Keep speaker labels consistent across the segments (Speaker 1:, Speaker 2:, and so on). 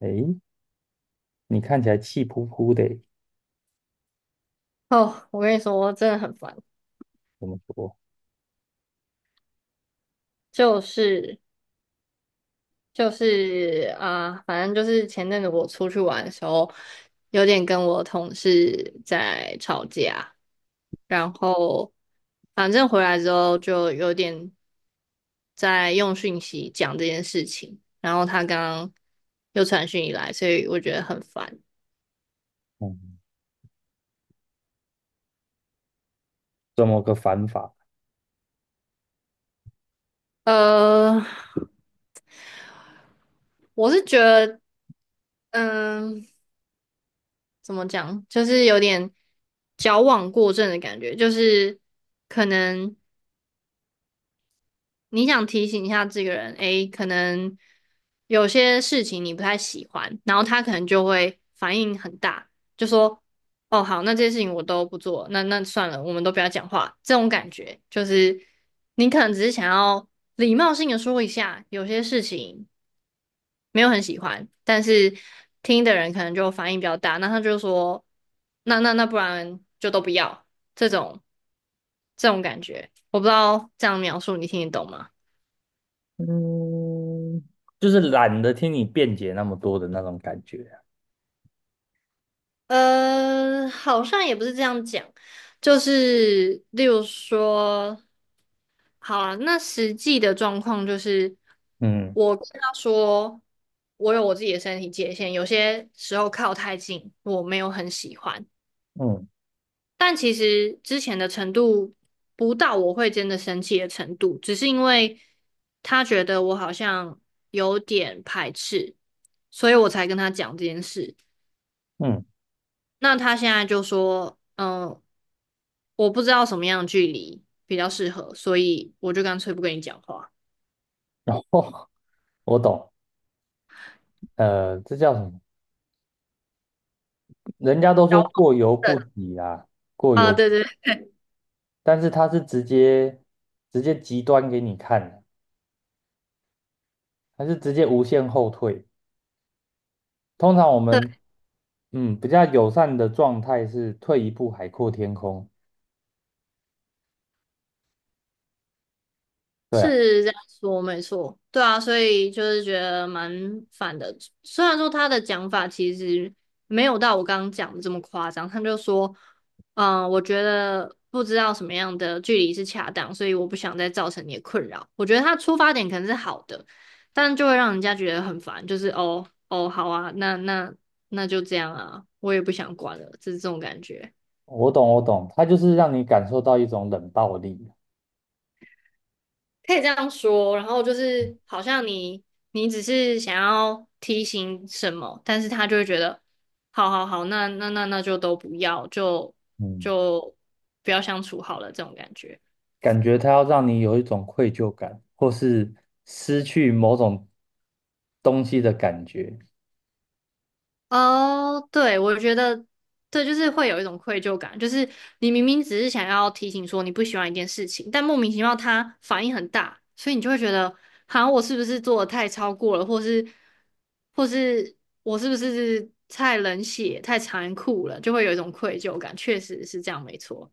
Speaker 1: 诶，你看起来气扑扑的欸。
Speaker 2: 哦，我跟你说，真的很烦，
Speaker 1: 怎么说？
Speaker 2: 就是就是啊、反正就是前阵子我出去玩的时候，有点跟我同事在吵架，然后反正回来之后就有点在用讯息讲这件事情，然后他刚刚又传讯以来，所以我觉得很烦。
Speaker 1: 嗯，这么个反法？
Speaker 2: 呃，我是觉得，嗯。怎么讲，就是有点矫枉过正的感觉，就是可能你想提醒一下这个人，诶，可能有些事情你不太喜欢，然后他可能就会反应很大，就说，哦，好，那这些事情我都不做，那算了，我们都不要讲话，这种感觉就是你可能只是想要礼貌性的说一下，有些事情没有很喜欢，但是听的人可能就反应比较大，那他就说，那不然就都不要这种这种感觉，我不知道这样描述你听得懂吗？
Speaker 1: 就是懒得听你辩解那么多的那种感觉啊。
Speaker 2: 好像也不是这样讲，就是例如说，好啊，那实际的状况就是，
Speaker 1: 嗯
Speaker 2: 我跟他说，我有我自己的身体界限，有些时候靠太近，我没有很喜欢。
Speaker 1: 嗯
Speaker 2: 但其实之前的程度不到我会真的生气的程度，只是因为他觉得我好像有点排斥，所以我才跟他讲这件事。
Speaker 1: 嗯，
Speaker 2: 那他现在就说，嗯，我不知道什么样的距离比较适合，所以我就干脆不跟你讲话。
Speaker 1: 然后 我懂。这叫什么？人家都
Speaker 2: 小
Speaker 1: 说
Speaker 2: 黄
Speaker 1: 过犹不
Speaker 2: 人
Speaker 1: 及啊。过
Speaker 2: 啊，
Speaker 1: 犹，
Speaker 2: 对对对，
Speaker 1: 但是他是直接极端给你看。他是直接无限后退。通常我们比较友善的状态是退一步海阔天空。对啊。
Speaker 2: 是这样说，没错，对啊，所以就是觉得蛮烦的。虽然说他的讲法其实没有到我刚刚讲的这么夸张，他就说，我觉得不知道什么样的距离是恰当，所以我不想再造成你的困扰。我觉得他出发点可能是好的，但就会让人家觉得很烦，就是哦哦，好啊，那那就这样啊，我也不想管了，就是这种感觉。
Speaker 1: 我懂，我懂，他就是让你感受到一种冷暴力。
Speaker 2: 可以这样说，然后就是好像你只是想要提醒什么，但是他就会觉得，好好好，那就都不要，就
Speaker 1: 嗯。
Speaker 2: 就不要相处好了，这种感觉。
Speaker 1: 感觉他要让你有一种愧疚感，或是失去某种东西的感觉。
Speaker 2: 哦，对，我觉得对，就是会有一种愧疚感，就是你明明只是想要提醒说你不喜欢一件事情，但莫名其妙它反应很大，所以你就会觉得，好我是不是做的太超过了，或是或是我是不是太冷血、太残酷了，就会有一种愧疚感。确实是这样，没错。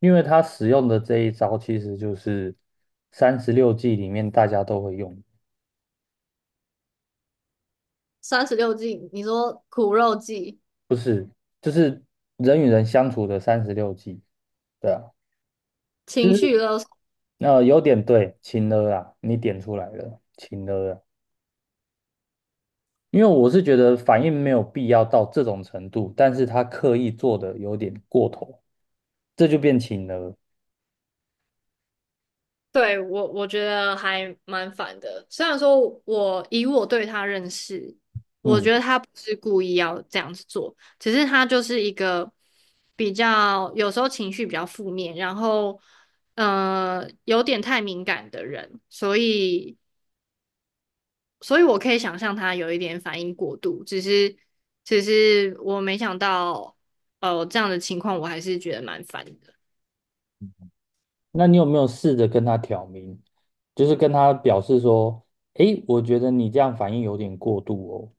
Speaker 1: 因为他使用的这一招其实就是三十六计里面大家都会用。
Speaker 2: 三十六计，你说苦肉计、
Speaker 1: 不是，就是人与人相处的三十六计。对啊。就
Speaker 2: 情
Speaker 1: 是
Speaker 2: 绪勒索。
Speaker 1: 有点对，情勒啊。你点出来了，情勒啊。因为我是觉得反应没有必要到这种程度，但是他刻意做的有点过头，这就变情了。
Speaker 2: 对，我觉得还蛮烦的。虽然说我以我对他认识，我
Speaker 1: 嗯。
Speaker 2: 觉得他不是故意要这样子做，只是他就是一个比较有时候情绪比较负面，然后有点太敏感的人，所以我可以想象他有一点反应过度，只是我没想到这样的情况，我还是觉得蛮烦的。
Speaker 1: 那你有没有试着跟他挑明，就是跟他表示说，诶，我觉得你这样反应有点过度哦。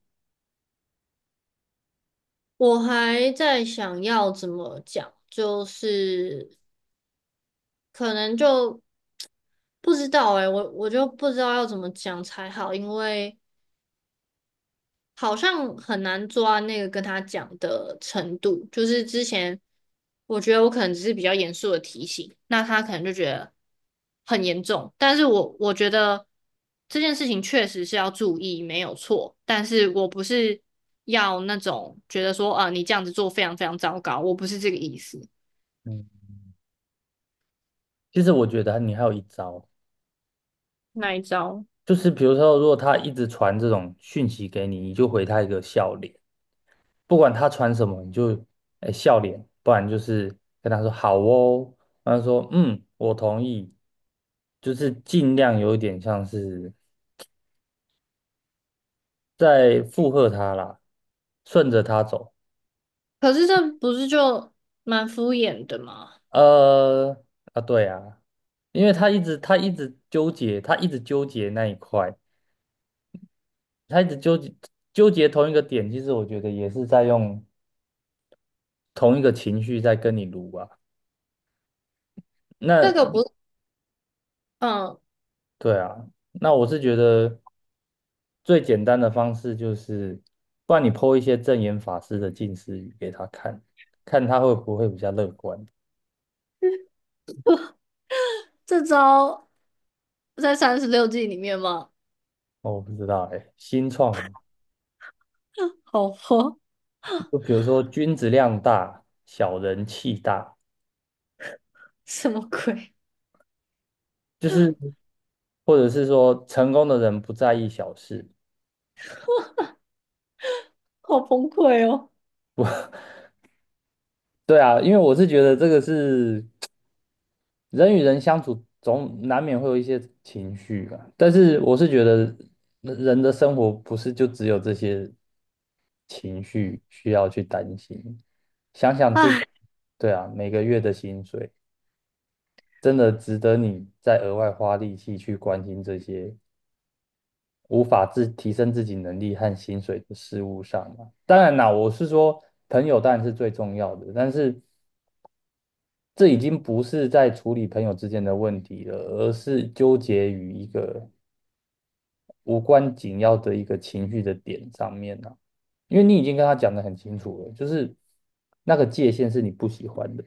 Speaker 2: 我还在想要怎么讲，就是。可能就不知道诶、我就不知道要怎么讲才好，因为好像很难抓那个跟他讲的程度。就是之前我觉得我可能只是比较严肃的提醒，那他可能就觉得很严重。但是我觉得这件事情确实是要注意，没有错。但是我不是要那种觉得说，啊、你这样子做非常非常糟糕，我不是这个意思，
Speaker 1: 嗯。其实我觉得你还有一招，
Speaker 2: 那一招。
Speaker 1: 就是比如说，如果他一直传这种讯息给你，你就回他一个笑脸。不管他穿什么，你就哎笑脸，不然就是跟他说好哦，然后说嗯，我同意，就是尽量有一点像是在附和他啦，顺着他走。
Speaker 2: 可是这不是就蛮敷衍的吗？
Speaker 1: 呃啊，对啊。因为他一直纠结，他一直纠结那一块，他一直纠结同一个点。其实我觉得也是在用同一个情绪在跟你撸啊。
Speaker 2: 这个
Speaker 1: 那
Speaker 2: 不，嗯，
Speaker 1: 对啊，那我是觉得最简单的方式就是，不然你 p 一些正言法师的近似语给他看，看他会不会比较乐观。
Speaker 2: 这招在三十六计里面吗？
Speaker 1: 哦，我不知道哎，新创的。
Speaker 2: 好吧，
Speaker 1: 就比如说君子量大，小人气大，
Speaker 2: 什么鬼？
Speaker 1: 就是或者是说成功的人不在意小事。
Speaker 2: 好崩溃哦！
Speaker 1: 对啊，因为我是觉得这个是人与人相处总难免会有一些情绪吧，但是我是觉得人的生活不是就只有这些情绪需要去担心。想想自己，
Speaker 2: 唉，
Speaker 1: 对啊，每个月的薪水真的值得你再额外花力气去关心这些无法自提升自己能力和薪水的事物上吗？当然啦，我是说朋友当然是最重要的。但是，这已经不是在处理朋友之间的问题了，而是纠结于一个无关紧要的一个情绪的点上面了。啊，因为你已经跟他讲得很清楚了，就是那个界限是你不喜欢的，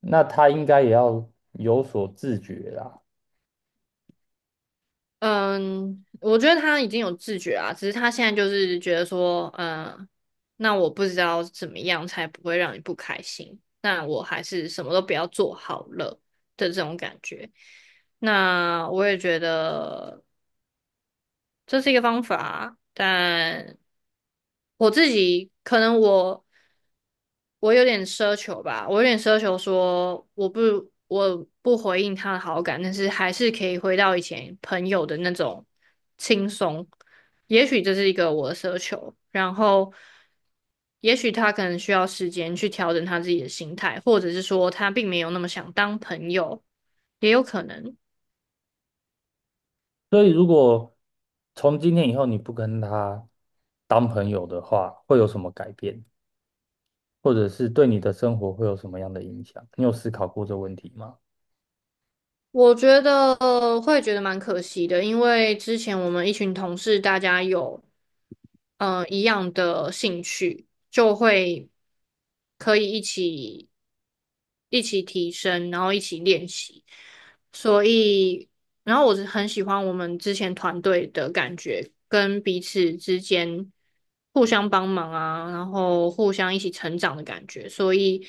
Speaker 1: 那他应该也要有所自觉啦。
Speaker 2: 嗯，我觉得他已经有自觉啊，只是他现在就是觉得说，嗯，那我不知道怎么样才不会让你不开心，那我还是什么都不要做好了的这种感觉。那我也觉得。这是一个方法，但我自己可能我有点奢求吧，我有点奢求说我不回应他的好感，但是还是可以回到以前朋友的那种轻松。也许这是一个我的奢求，然后也许他可能需要时间去调整他自己的心态，或者是说他并没有那么想当朋友，也有可能。
Speaker 1: 所以如果从今天以后你不跟他当朋友的话，会有什么改变，或者是对你的生活会有什么样的影响？你有思考过这问题吗？
Speaker 2: 我觉得会觉得蛮可惜的，因为之前我们一群同事大家有一样的兴趣，就会可以一起提升，然后一起练习。所以，然后我是很喜欢我们之前团队的感觉，跟彼此之间互相帮忙啊，然后互相一起成长的感觉。所以，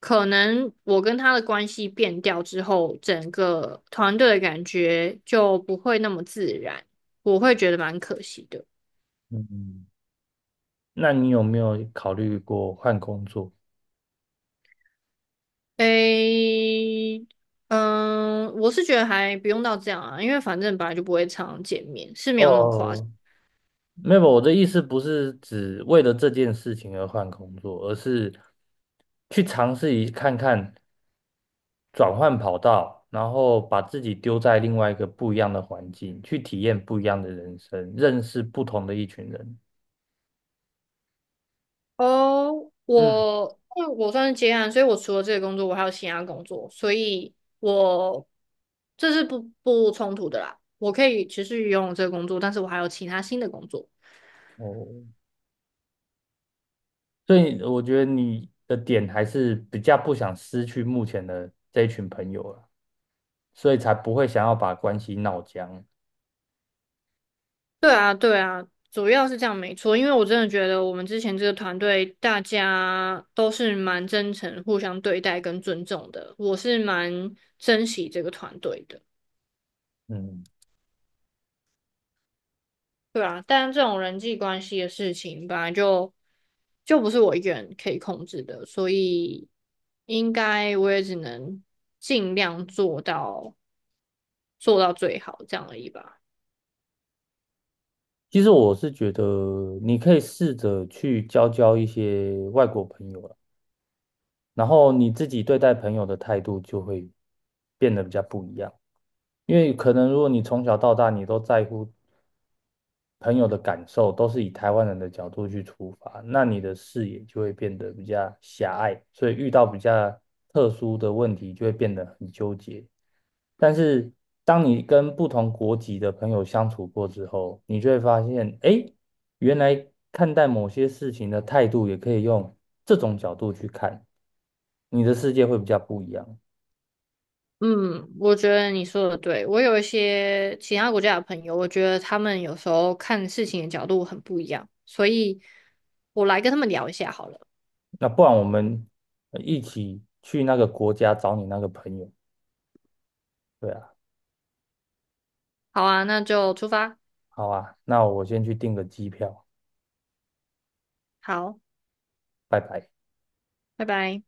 Speaker 2: 可能我跟他的关系变掉之后，整个团队的感觉就不会那么自然，我会觉得蛮可惜的。
Speaker 1: 嗯。那你有没有考虑过换工作？
Speaker 2: 诶，嗯，我是觉得还不用到这样啊，因为反正本来就不会常常见面，是没有那么夸张。
Speaker 1: 哦，没有，我的意思不是指为了这件事情而换工作，而是去尝试一看看转换跑道，然后把自己丢在另外一个不一样的环境，去体验不一样的人生，认识不同的一群人。
Speaker 2: 哦，
Speaker 1: 嗯。
Speaker 2: 我因为我算是接案，所以我除了这个工作，我还有其他工作，所以我这是不冲突的啦。我可以持续拥有这个工作，但是我还有其他新的工作。
Speaker 1: 哦，所以我觉得你的点还是比较不想失去目前的这一群朋友了，所以才不会想要把关系闹僵。
Speaker 2: 对啊，对啊，主要是这样没错，因为我真的觉得我们之前这个团队大家都是蛮真诚、互相对待跟尊重的，我是蛮珍惜这个团队的。
Speaker 1: 嗯。
Speaker 2: 对啊，但这种人际关系的事情本来就不是我一个人可以控制的，所以应该我也只能尽量做到最好这样而已吧。
Speaker 1: 其实我是觉得你可以试着去交交一些外国朋友了，然后你自己对待朋友的态度就会变得比较不一样。因为可能如果你从小到大你都在乎朋友的感受，都是以台湾人的角度去出发，那你的视野就会变得比较狭隘，所以遇到比较特殊的问题就会变得很纠结。但是当你跟不同国籍的朋友相处过之后，你就会发现，诶，原来看待某些事情的态度也可以用这种角度去看，你的世界会比较不一样。
Speaker 2: 嗯，我觉得你说的对。我有一些其他国家的朋友，我觉得他们有时候看事情的角度很不一样，所以我来跟他们聊一下好了。
Speaker 1: 那不然我们一起去那个国家找你那个朋友。对啊。
Speaker 2: 好啊，那就出发。
Speaker 1: 好啊，那我先去订个机票。
Speaker 2: 好，
Speaker 1: 拜拜。
Speaker 2: 拜拜。